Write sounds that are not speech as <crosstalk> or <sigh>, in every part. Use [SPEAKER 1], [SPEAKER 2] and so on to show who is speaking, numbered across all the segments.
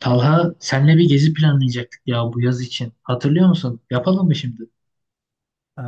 [SPEAKER 1] Talha senle bir gezi planlayacaktık ya bu yaz için. Hatırlıyor musun? Yapalım mı şimdi?
[SPEAKER 2] Ee,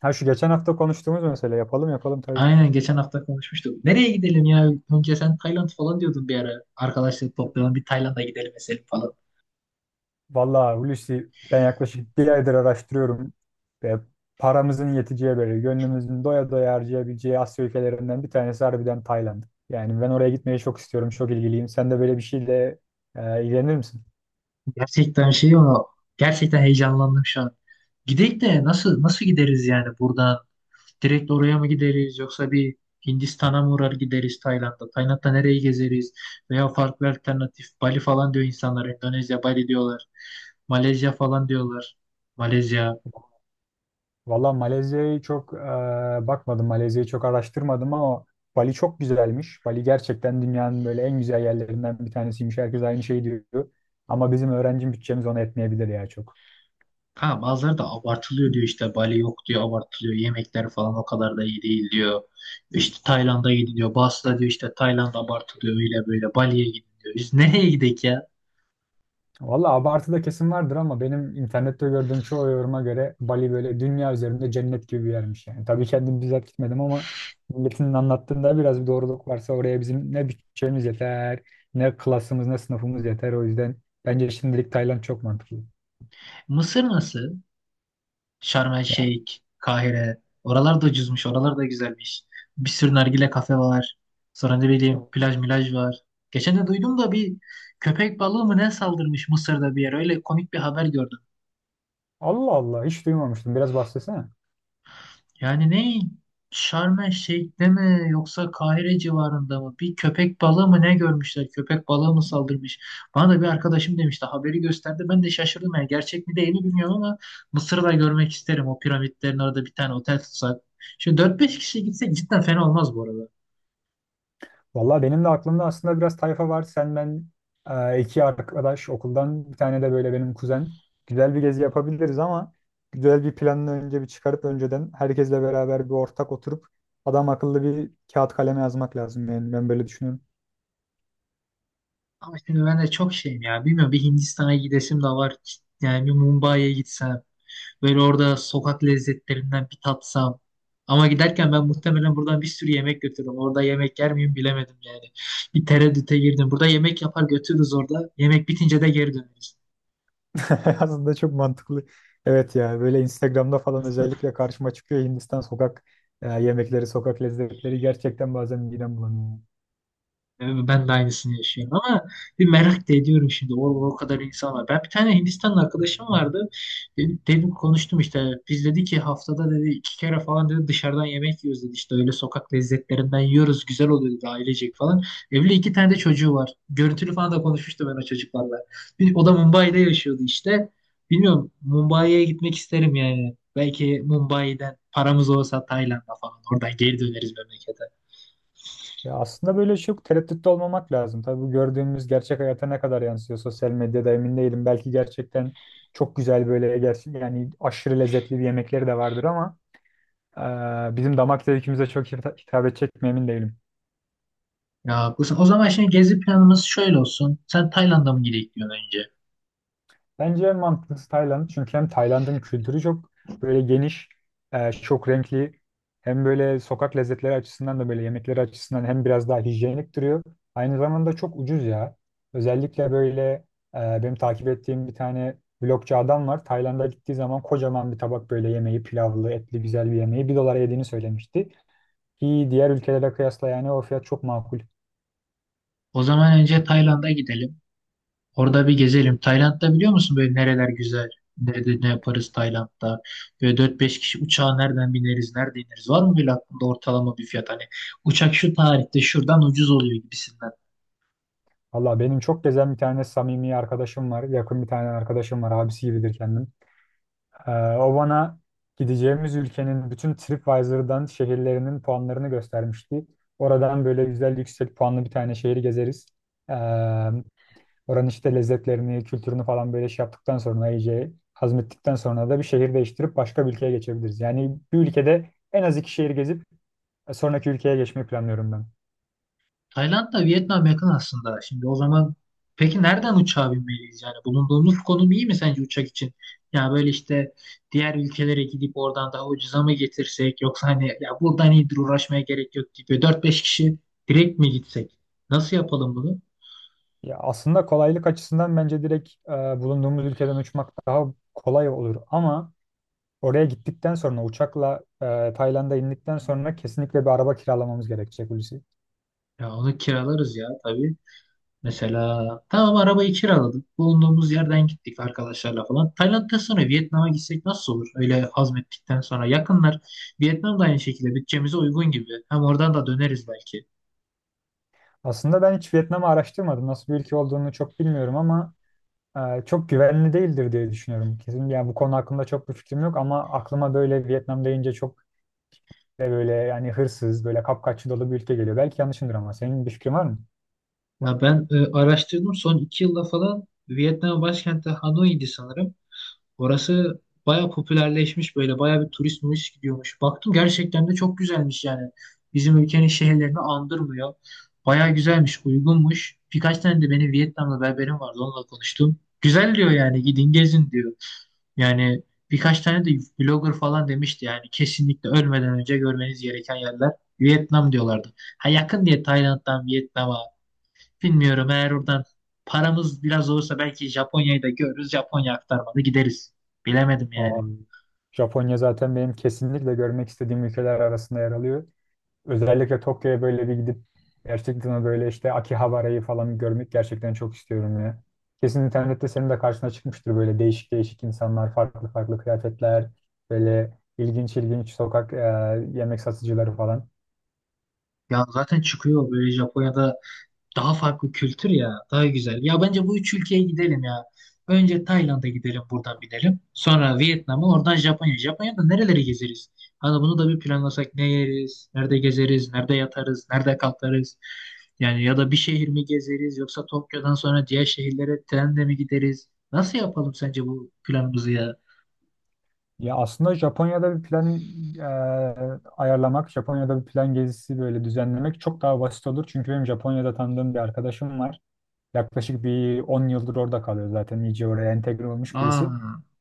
[SPEAKER 2] ha şu geçen hafta konuştuğumuz mesele yapalım yapalım tabii.
[SPEAKER 1] Aynen geçen hafta konuşmuştuk. Nereye gidelim ya? Önce sen Tayland falan diyordun bir ara. Arkadaşları toplayalım bir Tayland'a gidelim mesela falan.
[SPEAKER 2] Vallahi Hulusi ben yaklaşık bir aydır araştırıyorum ve paramızın yeteceği böyle gönlümüzün doya doya harcayabileceği Asya ülkelerinden bir tanesi harbiden Tayland. Yani ben oraya gitmeyi çok istiyorum, çok ilgiliyim. Sen de böyle bir şeyle ilgilenir misin?
[SPEAKER 1] Gerçekten şey ama gerçekten heyecanlandım şu an. Gidelim de nasıl gideriz yani buradan? Direkt oraya mı gideriz yoksa bir Hindistan'a mı uğrar gideriz Tayland'da? Tayland'da nereyi gezeriz? Veya farklı alternatif Bali falan diyor insanlar. Endonezya, Bali diyorlar. Malezya falan diyorlar. Malezya.
[SPEAKER 2] Valla Malezya'yı çok bakmadım, Malezya'yı çok araştırmadım ama Bali çok güzelmiş. Bali gerçekten dünyanın böyle en güzel yerlerinden bir tanesiymiş. Herkes aynı şeyi diyor. Ama bizim öğrenci bütçemiz ona etmeyebilir ya çok.
[SPEAKER 1] Kanka bazıları da abartılıyor diyor işte Bali yok diyor abartılıyor yemekler falan o kadar da iyi değil diyor. İşte Tayland'a gidin diyor. Bazısı da diyor işte Tayland abartılıyor öyle böyle Bali'ye gidin diyor. Biz <laughs> nereye gidek ya?
[SPEAKER 2] Valla abartıda kesin vardır ama benim internette gördüğüm çoğu yoruma göre Bali böyle dünya üzerinde cennet gibi bir yermiş yani. Tabii kendim bizzat gitmedim ama milletin anlattığında biraz bir doğruluk varsa oraya bizim ne bütçemiz yeter, ne klasımız, ne sınıfımız yeter. O yüzden bence şimdilik Tayland çok mantıklı.
[SPEAKER 1] Mısır nasıl? Şarm El
[SPEAKER 2] Ya,
[SPEAKER 1] Şeyh, Kahire. Oralar da ucuzmuş, oralar da güzelmiş. Bir sürü nargile kafe var. Sonra ne bileyim plaj milaj var. Geçen de duydum da bir köpek balığı mı ne saldırmış Mısır'da bir yere. Öyle komik bir haber gördüm.
[SPEAKER 2] Allah Allah hiç duymamıştım. Biraz bahsetsene.
[SPEAKER 1] Yani ne? Şarm El Şeyh'te mi yoksa Kahire civarında mı? Bir köpek balığı mı ne görmüşler? Köpek balığı mı saldırmış? Bana da bir arkadaşım demişti. Haberi gösterdi. Ben de şaşırdım. Yani gerçek mi değil mi bilmiyorum ama Mısır'ı da görmek isterim. O piramitlerin orada bir tane otel tutsak. Şimdi dört beş kişi gitsek cidden fena olmaz bu arada.
[SPEAKER 2] Valla benim de aklımda aslında biraz tayfa var. Sen ben iki arkadaş okuldan bir tane de böyle benim kuzen. Güzel bir gezi yapabiliriz ama güzel bir planını önce bir çıkarıp önceden herkesle beraber bir ortak oturup adam akıllı bir kağıt kaleme yazmak lazım. Yani ben böyle düşünüyorum.
[SPEAKER 1] Ama şimdi ben de çok şeyim ya. Bilmiyorum bir Hindistan'a gidesim de var. Yani bir Mumbai'ye gitsem. Böyle orada sokak lezzetlerinden bir tatsam. Ama giderken ben muhtemelen buradan bir sürü yemek götürürüm. Orada yemek yer miyim bilemedim yani. Bir tereddüte girdim. Burada yemek yapar götürürüz orada. Yemek bitince de geri döneriz.
[SPEAKER 2] <laughs> Aslında çok mantıklı. Evet ya böyle Instagram'da falan özellikle karşıma çıkıyor Hindistan sokak yemekleri, sokak lezzetleri gerçekten bazen midem bulanıyor.
[SPEAKER 1] Yani ben de aynısını yaşıyorum ama bir merak da ediyorum şimdi o kadar insan var. Ben bir tane Hindistanlı arkadaşım vardı. Dedim konuştum işte. Biz dedi ki haftada dedi iki kere falan dedi dışarıdan yemek yiyoruz dedi. İşte öyle sokak lezzetlerinden yiyoruz. Güzel oluyor dedi ailecek falan. Evli iki tane de çocuğu var. Görüntülü falan da konuşmuştum ben o çocuklarla. Bir, o da Mumbai'de yaşıyordu işte. Bilmiyorum Mumbai'ye gitmek isterim yani. Belki Mumbai'den paramız olsa Tayland'a falan oradan geri döneriz memlekete.
[SPEAKER 2] Ya aslında böyle çok tereddütte olmamak lazım. Tabii bu gördüğümüz gerçek hayata ne kadar yansıyor sosyal medyada emin değilim. Belki gerçekten çok güzel böyle gerçek yani aşırı lezzetli bir yemekleri de vardır ama bizim damak zevkimize çok hitap edecek mi emin değilim.
[SPEAKER 1] Ya Gusten, o zaman şimdi gezi planımız şöyle olsun. Sen Tayland'a mı gidelim diyorsun önce?
[SPEAKER 2] Bence en mantıklısı Tayland. Çünkü hem Tayland'ın kültürü çok böyle geniş, çok renkli. Hem böyle sokak lezzetleri açısından da böyle yemekleri açısından hem biraz daha hijyenik duruyor. Aynı zamanda çok ucuz ya. Özellikle böyle benim takip ettiğim bir tane vlogcu adam var. Tayland'a gittiği zaman kocaman bir tabak böyle yemeği, pilavlı, etli güzel bir yemeği bir dolara yediğini söylemişti. Ki diğer ülkelere kıyasla yani o fiyat çok makul.
[SPEAKER 1] O zaman önce Tayland'a gidelim. Orada bir gezelim. Tayland'da biliyor musun böyle nereler güzel? Nerede ne yaparız Tayland'da? Böyle dört beş kişi uçağa nereden bineriz, nerede ineriz? Var mı böyle aklında ortalama bir fiyat? Hani uçak şu tarihte şuradan ucuz oluyor gibisinden.
[SPEAKER 2] Valla benim çok gezen bir tane samimi arkadaşım var. Yakın bir tane arkadaşım var. Abisi gibidir kendim. Ee, O bana gideceğimiz ülkenin bütün TripAdvisor'dan şehirlerinin puanlarını göstermişti. Oradan böyle güzel yüksek puanlı bir tane şehri gezeriz. Ee, Oranın işte lezzetlerini, kültürünü falan böyle şey yaptıktan sonra iyice hazmettikten sonra da bir şehir değiştirip başka bir ülkeye geçebiliriz. Yani bir ülkede en az iki şehir gezip sonraki ülkeye geçmeyi planlıyorum ben.
[SPEAKER 1] Tayland'la Vietnam yakın aslında. Şimdi o zaman peki nereden uçağa binmeliyiz? Yani bulunduğumuz konum iyi mi sence uçak için? Ya böyle işte diğer ülkelere gidip oradan daha ucuza mı getirsek, yoksa hani ya buradan iyidir uğraşmaya gerek yok gibi dört beş kişi direkt mi gitsek? Nasıl yapalım bunu?
[SPEAKER 2] Ya aslında kolaylık açısından bence direkt bulunduğumuz ülkeden uçmak daha kolay olur ama oraya gittikten sonra uçakla Tayland'a indikten sonra kesinlikle bir araba kiralamamız gerekecek Hulusi.
[SPEAKER 1] Ya onu kiralarız ya tabii. Mesela tamam arabayı kiraladık. Bulunduğumuz yerden gittik arkadaşlarla falan. Tayland'dan sonra Vietnam'a gitsek nasıl olur? Öyle hazmettikten sonra yakınlar. Vietnam da aynı şekilde bütçemize uygun gibi. Hem oradan da döneriz belki.
[SPEAKER 2] Aslında ben hiç Vietnam'ı araştırmadım. Nasıl bir ülke olduğunu çok bilmiyorum ama çok güvenli değildir diye düşünüyorum. Kesin yani bu konu hakkında çok bir fikrim yok ama aklıma böyle Vietnam deyince çok böyle yani hırsız, böyle kapkaççı dolu bir ülke geliyor. Belki yanlışımdır ama senin bir fikrin var mı?
[SPEAKER 1] Ya ben araştırdım son 2 yılda falan. Vietnam başkenti Hanoi'ydi sanırım. Orası baya popülerleşmiş, böyle baya bir turist gidiyormuş. Baktım gerçekten de çok güzelmiş yani. Bizim ülkenin şehirlerini andırmıyor. Baya güzelmiş, uygunmuş. Birkaç tane de benim Vietnamlı berberim vardı, onunla konuştum. Güzel diyor yani, gidin gezin diyor. Yani birkaç tane de blogger falan demişti, yani kesinlikle ölmeden önce görmeniz gereken yerler Vietnam diyorlardı. Ha, yakın diye Tayland'dan Vietnam'a. Bilmiyorum, eğer oradan paramız biraz olursa belki Japonya'yı da görürüz. Japonya aktarmalı gideriz. Bilemedim
[SPEAKER 2] Aa,
[SPEAKER 1] yani.
[SPEAKER 2] Japonya zaten benim kesinlikle görmek istediğim ülkeler arasında yer alıyor. Özellikle Tokyo'ya böyle bir gidip gerçekten o böyle işte Akihabara'yı falan görmek gerçekten çok istiyorum ya. Kesin internette senin de karşına çıkmıştır böyle değişik değişik insanlar, farklı farklı kıyafetler, böyle ilginç ilginç sokak yemek satıcıları falan.
[SPEAKER 1] Ya zaten çıkıyor böyle Japonya'da daha farklı kültür ya. Daha güzel. Ya bence bu üç ülkeye gidelim ya. Önce Tayland'a gidelim, buradan binelim. Sonra Vietnam'a, oradan Japonya. Japonya'da nereleri gezeriz? Hani bunu da bir planlasak, ne yeriz? Nerede gezeriz? Nerede yatarız? Nerede kalkarız? Yani ya da bir şehir mi gezeriz? Yoksa Tokyo'dan sonra diğer şehirlere trenle mi gideriz? Nasıl yapalım sence bu planımızı ya?
[SPEAKER 2] Ya aslında Japonya'da bir plan e, ayarlamak, Japonya'da bir plan gezisi böyle düzenlemek çok daha basit olur. Çünkü benim Japonya'da tanıdığım bir arkadaşım var. Yaklaşık bir 10 yıldır orada kalıyor zaten. İyice oraya entegre olmuş birisi.
[SPEAKER 1] Aa,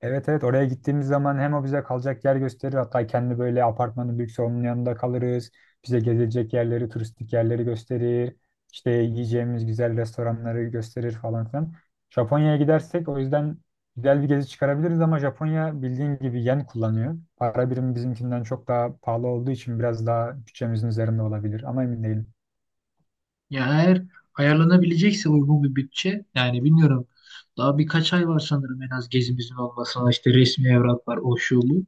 [SPEAKER 2] Evet evet, oraya gittiğimiz zaman hem o bize kalacak yer gösterir, hatta kendi böyle apartmanın büyükse onun yanında kalırız. Bize gezilecek yerleri, turistik yerleri gösterir. İşte yiyeceğimiz güzel restoranları gösterir falan filan. Japonya'ya gidersek o yüzden güzel bir gezi çıkarabiliriz ama Japonya bildiğin gibi yen kullanıyor. Para birimi bizimkinden çok daha pahalı olduğu için biraz daha bütçemizin üzerinde olabilir ama emin değilim.
[SPEAKER 1] ya eğer ayarlanabilecekse uygun bir bütçe, yani bilmiyorum, daha birkaç ay var sanırım en az gezimizin olmasına, işte resmi evrak var o şu bu.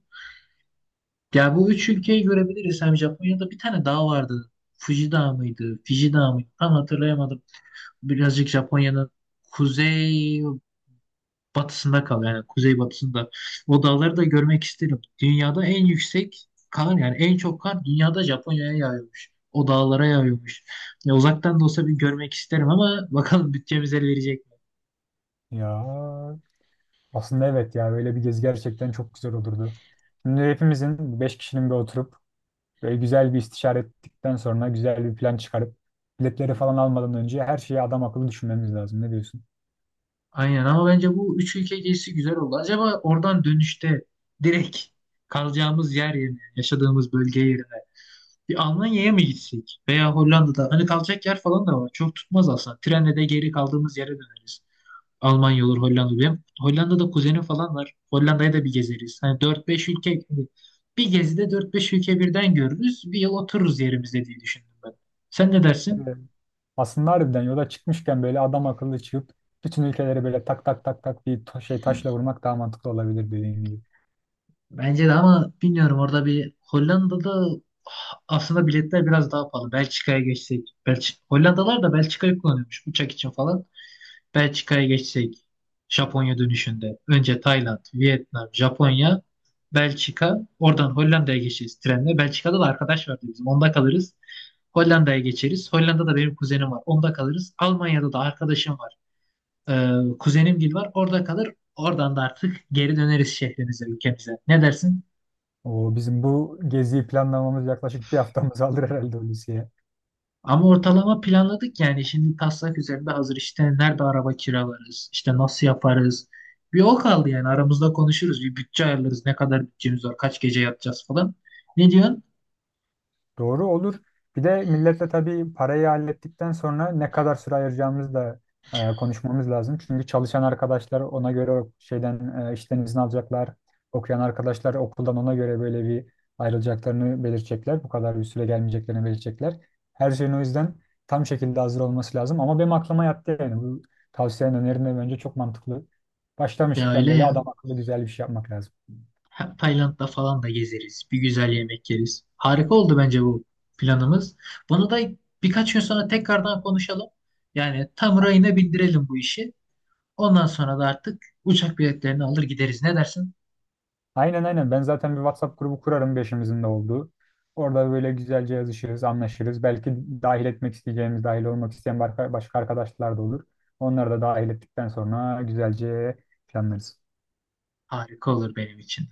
[SPEAKER 1] Ya bu üç ülkeyi görebiliriz. Hem Japonya'da bir tane dağ vardı. Fuji Dağı mıydı? Fiji Dağı mıydı? Tam hatırlayamadım. Birazcık Japonya'nın kuzey batısında kalıyor. Yani kuzey batısında. O dağları da görmek isterim. Dünyada en yüksek kar, yani en çok kar dünyada Japonya'ya yağıyormuş. O dağlara yağıyormuş. Ya uzaktan da olsa bir görmek isterim ama <laughs> bakalım bütçemiz el verecek mi?
[SPEAKER 2] Ya aslında evet ya böyle bir gezi gerçekten çok güzel olurdu. Şimdi hepimizin 5 kişinin bir oturup böyle güzel bir istişare ettikten sonra güzel bir plan çıkarıp biletleri falan almadan önce her şeyi adam akıllı düşünmemiz lazım. Ne diyorsun?
[SPEAKER 1] Aynen, ama bence bu üç ülke gezisi güzel oldu. Acaba oradan dönüşte direkt kalacağımız yer yerine, yaşadığımız bölge yerine bir Almanya'ya mı gitsek? Veya Hollanda'da hani kalacak yer falan da var. Çok tutmaz aslında. Trenle de geri kaldığımız yere döneriz. Almanya olur, Hollanda olur. Benim Hollanda'da kuzenim falan var. Hollanda'ya da bir gezeriz. Hani dört beş ülke, bir gezide dört beş ülke birden görürüz. Bir yıl otururuz yerimizde diye düşündüm ben. Sen ne dersin?
[SPEAKER 2] Evet. Aslında harbiden yola çıkmışken böyle adam akıllı çıkıp bütün ülkeleri böyle tak tak tak tak bir şey taşla vurmak daha mantıklı olabilir dediğin gibi.
[SPEAKER 1] Bence de, ama bilmiyorum orada bir Hollanda'da aslında biletler biraz daha pahalı. Belçika'ya geçsek. Hollandalar da Belçika'yı kullanıyormuş uçak için falan. Belçika'ya geçsek. Japonya dönüşünde. Önce Tayland, Vietnam, Japonya, Belçika. Oradan Hollanda'ya geçeceğiz trenle. Belçika'da da arkadaş vardı bizim. Onda kalırız. Hollanda'ya geçeriz. Hollanda'da benim kuzenim var. Onda kalırız. Almanya'da da arkadaşım var. Kuzenim gibi var. Orada kalır. Oradan da artık geri döneriz şehrimize, ülkemize. Ne dersin?
[SPEAKER 2] O bizim bu geziyi planlamamız yaklaşık bir haftamız <laughs> alır herhalde Hulusi.
[SPEAKER 1] Ama ortalama planladık yani. Şimdi taslak üzerinde hazır. İşte nerede araba kiralarız, İşte nasıl yaparız. Bir o kaldı, yani aramızda konuşuruz. Bir bütçe ayarlarız. Ne kadar bütçemiz var, kaç gece yatacağız falan. Ne diyorsun?
[SPEAKER 2] Doğru olur. Bir de milletle tabii parayı hallettikten sonra ne kadar süre ayıracağımızı da konuşmamız lazım. Çünkü çalışan arkadaşlar ona göre o şeyden işten izin alacaklar. Okuyan arkadaşlar okuldan ona göre böyle bir ayrılacaklarını belirtecekler. Bu kadar bir süre gelmeyeceklerini belirtecekler. Her şeyin o yüzden tam şekilde hazır olması lazım. Ama benim aklıma yattı yani. Bu tavsiyenin önerin de bence çok mantıklı.
[SPEAKER 1] Ya
[SPEAKER 2] Başlamışken
[SPEAKER 1] öyle
[SPEAKER 2] böyle
[SPEAKER 1] ya.
[SPEAKER 2] adam akıllı güzel bir şey yapmak lazım.
[SPEAKER 1] Hem Tayland'da falan da gezeriz. Bir güzel yemek yeriz. Harika oldu bence bu planımız. Bunu da birkaç gün sonra tekrardan konuşalım. Yani tam rayına bindirelim bu işi. Ondan sonra da artık uçak biletlerini alır gideriz. Ne dersin?
[SPEAKER 2] Aynen aynen. Ben zaten bir WhatsApp grubu kurarım beşimizin de olduğu. Orada böyle güzelce yazışırız, anlaşırız. Belki dahil etmek isteyeceğimiz, dahil olmak isteyen başka arkadaşlar da olur. Onları da dahil ettikten sonra güzelce planlarız.
[SPEAKER 1] Harika olur benim için.